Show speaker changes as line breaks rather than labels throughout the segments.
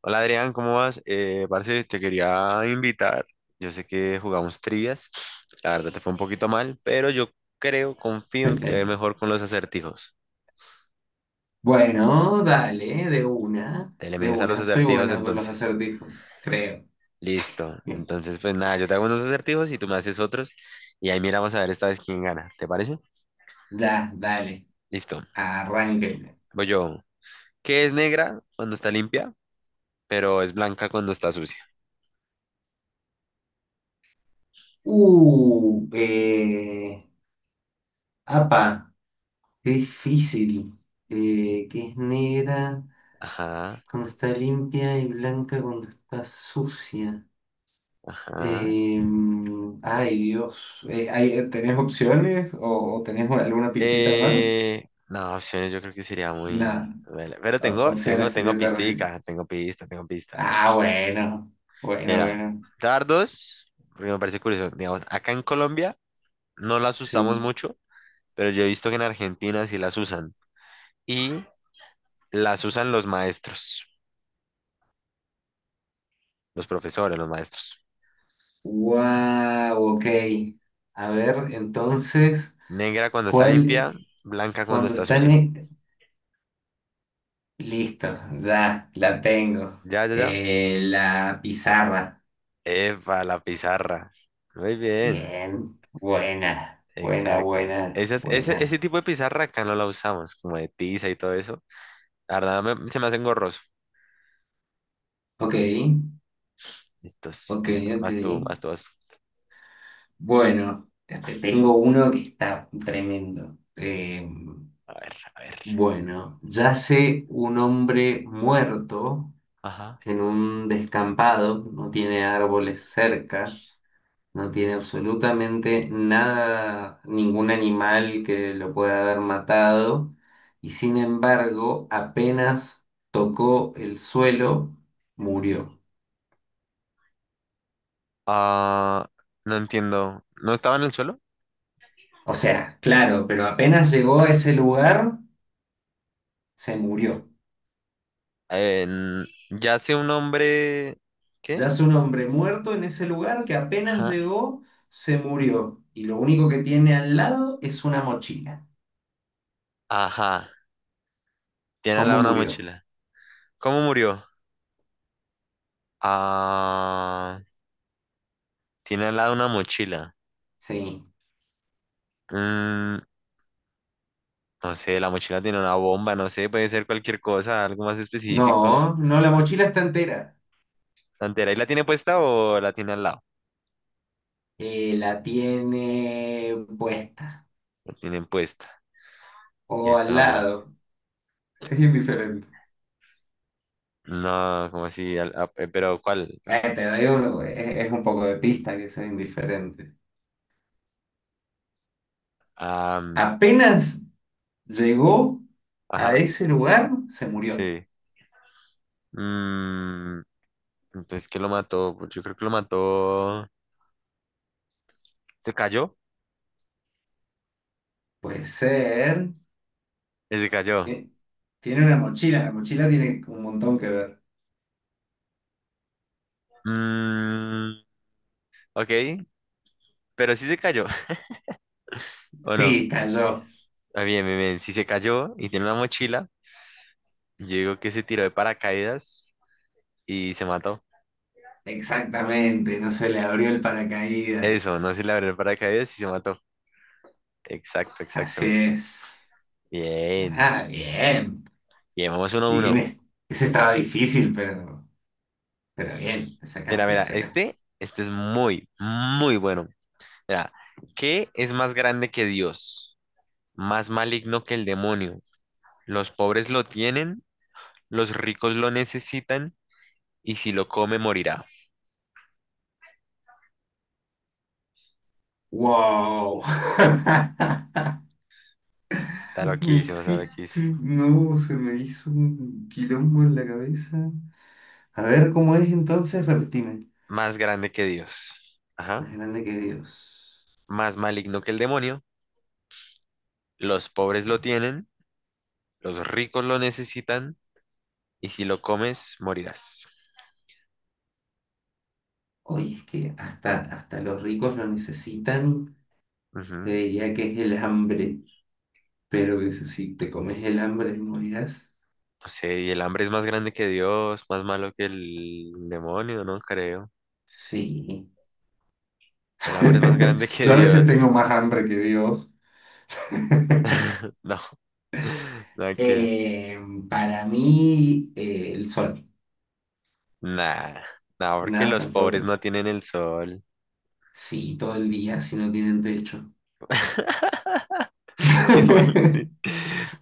Hola Adrián, ¿cómo vas? Parce, te quería invitar. Yo sé que jugamos trivias. La verdad te fue un poquito mal, pero yo creo, confío en que te ve mejor con los acertijos.
Bueno, dale,
Te le
de
mides a los
una, soy
acertijos
bueno con los
entonces.
acertijos, creo.
Listo. Entonces, pues nada, yo te hago unos acertijos y tú me haces otros. Y ahí miramos a ver esta vez quién gana. ¿Te parece?
Ya, dale,
Listo.
arránquenle.
Voy yo. ¿Qué es negra cuando está limpia, pero es blanca cuando está sucia?
Uh, eh, apa, qué difícil. Que es negra
Ajá,
cuando está limpia y blanca cuando está sucia.
ajá.
Ay, Dios. ¿Tenés opciones o tenés alguna pistita más?
No, opciones yo creo que sería muy...
Nada,
Pero tengo, tengo,
opciones
tengo
sería terrible.
pistica, tengo pista.
Ah, bueno, bueno,
Mira,
bueno.
dardos, porque me parece curioso, digamos, acá en Colombia no las usamos
Sí.
mucho, pero yo he visto que en Argentina sí las usan. Y las usan los maestros, los maestros.
Wow, ok. A ver, entonces,
Negra cuando está limpia,
¿cuál?
blanca cuando
Cuando
está
están...
sucia.
eh, Listo, ya, la tengo.
Ya.
La pizarra.
Epa, la pizarra. Muy bien.
Bien, buena, buena,
Exacto.
buena,
Ese
buena.
tipo de pizarra acá no la usamos, como de tiza y todo eso. La verdad se me hace engorroso.
Ok,
Estos,
ok, ok.
más tú. Vas.
Bueno, este, tengo uno que está tremendo.
A ver, a ver.
Bueno, yace un hombre muerto
Ajá.
en un descampado, no tiene árboles cerca, no tiene absolutamente nada, ningún animal que lo pueda haber matado, y sin embargo, apenas tocó el suelo, murió.
Ah, no entiendo. ¿No estaba en el suelo?
O sea, claro, pero apenas llegó a ese lugar, se murió.
Ya sé un hombre. ¿Qué?
Ya es un hombre muerto en ese lugar que apenas
Ajá.
llegó, se murió. Y lo único que tiene al lado es una mochila.
Ajá. Tiene al lado
¿Cómo
una
murió?
mochila. ¿Cómo murió? Ah, tiene al lado una mochila.
Sí.
Mm, no sé, la mochila tiene una bomba, no sé, puede ser cualquier cosa, algo más específico.
No, no, la mochila está entera.
¿Santera? ¿Y la tiene puesta o la tiene al lado?
La tiene puesta
La tienen puesta. Y
o al
estaba muerta.
lado. Es indiferente.
No, ¿como así? ¿Pero cuál?
Te doy uno, es un poco de pista que sea indiferente.
Am,
Apenas llegó a
ajá,
ese lugar, se murió.
sí. Mm, entonces, ¿qué lo mató? Pues yo creo que lo mató. ¿Se cayó?
Puede ser.
Se cayó.
eh, Tiene una mochila, la mochila tiene un montón que ver.
Mm, ok, pero sí se cayó, ¿o no?
Sí, cayó.
Ah, bien, bien, bien. Si se cayó y tiene una mochila, yo digo que se tiró de paracaídas y se mató.
Exactamente, no se le abrió el
Eso, no
paracaídas.
se le abrió el paracaídas y se mató. Exacto,
Así
exacto.
es.
Bien.
Ah, bien.
Bien, vamos uno a
Bien,
uno.
es- Ese estaba difícil, pero bien, le
Mira,
sacaste, le
mira,
sacaste.
este es muy, muy bueno. Mira, ¿qué es más grande que Dios? Más maligno que el demonio. Los pobres lo tienen, los ricos lo necesitan, y si lo come morirá.
¡Wow!
Está
Me
loquísimo, está
hiciste.
loquísimo.
No, se me hizo un quilombo en la cabeza. A ver cómo es entonces, repetime.
Más grande que Dios. Ajá.
Más grande que Dios.
Más maligno que el demonio. Los pobres lo tienen, los ricos lo necesitan, y si lo comes, morirás.
Oye, es que hasta, hasta los ricos lo necesitan. Te
Ujú.
diría que es el hambre, pero que si te comes el hambre morirás.
No sé, y el hambre es más grande que Dios, más malo que el demonio, no creo.
Sí.
El hambre es más grande que
Yo a veces
Dios.
tengo más hambre que Dios.
No, no quiero.
Eh, para mí, el sol.
Nah, nah, porque
Nada,
los pobres
tampoco.
no tienen el sol.
Sí, todo el día, si no tienen techo.
Qué mal.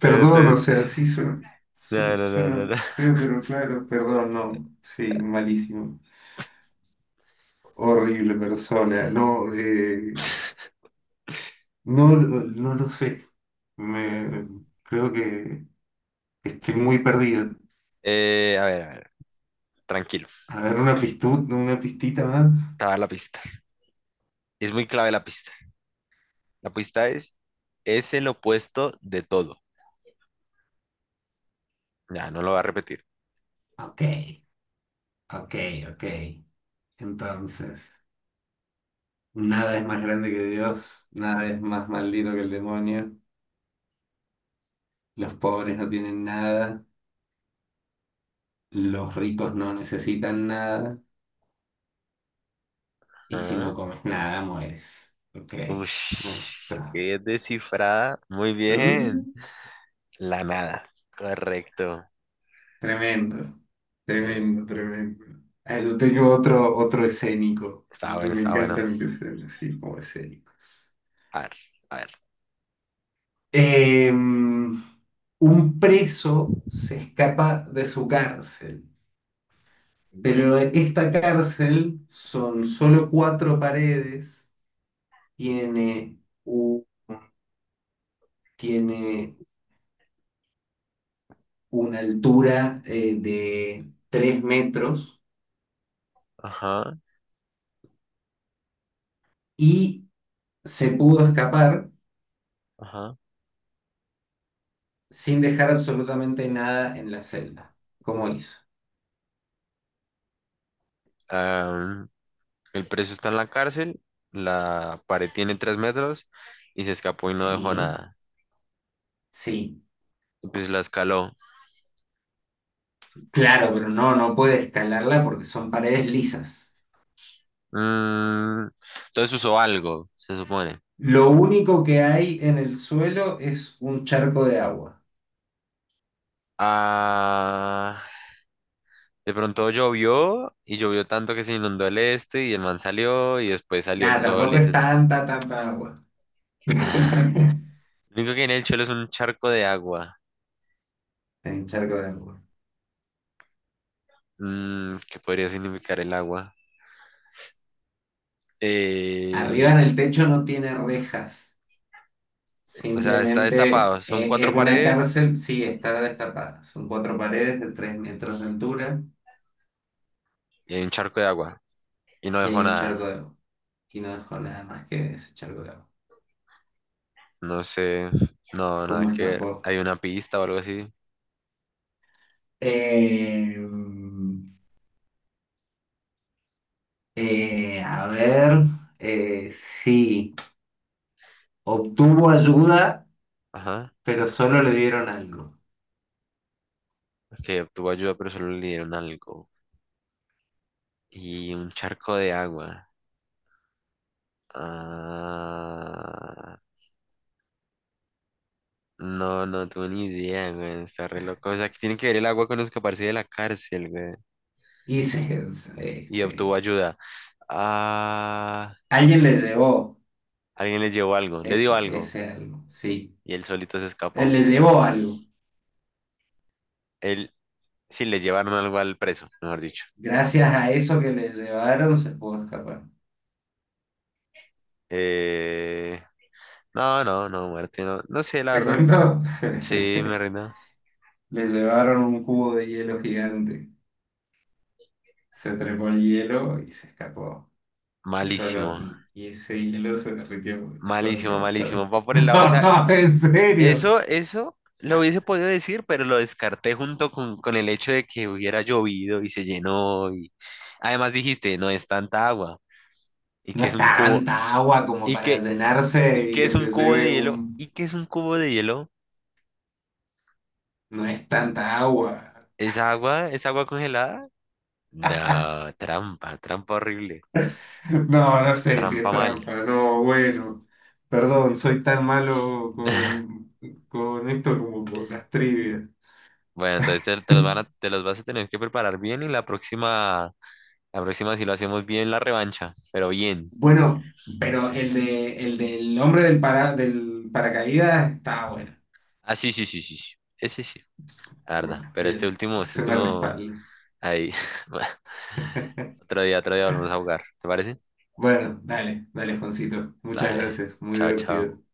Pero
o
entonces,
sea, sí suena,
no, no, no, no,
suena
no.
feo, pero claro, perdón, no. Sí, malísimo. Horrible persona. No, no, no lo sé. Me, Creo que estoy muy perdido.
A ver, tranquilo,
A ver, una pistita más.
te voy a dar la pista. Es muy clave la pista. La pista es, es el opuesto de todo. Ya, no lo va a repetir.
Ok, ok, ok. Entonces. Nada es más grande que Dios, nada es más maldito que el demonio. Los pobres no tienen nada, los ricos no necesitan nada, y si no
Ah,
comes nada, mueres. Ok. Ah,
ush,
está.
qué descifrada. Muy bien.
Mm,
La nada. Correcto.
tremendo,
Deme-
tremendo, tremendo. Ah, yo tengo otro, otro escénico.
Está bueno,
Me
está bueno.
encantan que sean así como escénicos.
A ver, a ver.
Em, un preso se escapa de su cárcel. Pero esta cárcel son solo cuatro paredes, tiene, u- tiene una altura de 3 metros
Ajá,
y se pudo escapar
ajá.
sin dejar absolutamente nada en la celda. ¿Cómo hizo?
Am, el preso está en la cárcel. La pared tiene tres metros y se escapó y no dejó
Sí,
nada.
sí,
Y pues la escaló.
claro, pero no, no puede escalarla porque son paredes lisas.
Mm, entonces usó algo, se supone.
Lo único que hay en el suelo es un charco de agua.
Ah, de pronto llovió y llovió tanto que se inundó el este y el man salió y después salió el
Nada,
sol
tampoco
y
es
se...
tanta, tanta agua.
Lo único que hay en el Cholo es un charco de agua.
En charco de agua.
Mm, ¿qué podría significar el agua?
Arriba
Eh,
en el techo no tiene rejas,
o sea, está
simplemente
destapado. Son
es
cuatro
una
paredes
cárcel, sí, está destapada. Son cuatro paredes de 3 metros de altura
y hay un charco de agua. Y no
y
dejó
hay un
nada.
charco de agua. Y no dejó nada más que ese charco de agua.
No sé. No, nada
¿Cómo
que ver.
escapó?
Hay una pista o algo así.
Eh, a ver, sí, obtuvo ayuda,
Ajá.
pero solo le dieron algo.
Que obtuvo ayuda, pero solo le dieron algo. Y un charco de agua. Ah, no, no tuve ni idea, güey. Está re loco. O sea, que tiene que ver el agua con escaparse de la cárcel, güey.
Y se-
Y obtuvo
este,
ayuda. Ah.
Alguien le llevó
Alguien le llevó algo, le dio algo
ese algo, sí.
y él solito se
Él
escapó.
les llevó algo.
Él, sí, le llevaron algo al preso, mejor dicho.
Gracias a eso que les llevaron, se pudo escapar.
Eh, no, no, no, muerte, no, no sé, la
¿Te
verdad.
cuento?
Sí, me rindo.
Les llevaron un cubo de hielo gigante. Se trepó el hielo y se escapó.
Malísimo,
Y ese hielo se derritió y solo
malísimo,
quedó el charco.
malísimo. Va por el lado, o sea,
No, en serio.
eso lo hubiese podido decir, pero lo descarté junto con el hecho de que hubiera llovido y se llenó y además dijiste, no es tanta agua y
No
que es
es
un cubo
tanta agua como
y
para
que,
llenarse y que te lleve
y
un...
que es un cubo de hielo.
No es tanta agua.
¿Es agua? ¿Es agua congelada? No, trampa, trampa horrible,
No, no sé si es
trampa mal.
trampa, no, bueno, perdón, soy tan malo con esto como con las trivias.
Bueno, entonces te los van te los vas a tener que preparar bien y la próxima si lo hacemos bien la revancha, pero bien.
Bueno, pero el de el del hombre del paracaídas está bueno.
Ah, sí, sí, sí, sí, sí. Ese sí, la verdad.
Bueno,
Pero
bien,
este
se me
último,
respalda.
ahí. Bueno, otro día volvemos a jugar. ¿Te parece?
Bueno, dale, dale, Juancito, muchas
Dale.
gracias, muy
Chao, chao.
divertido.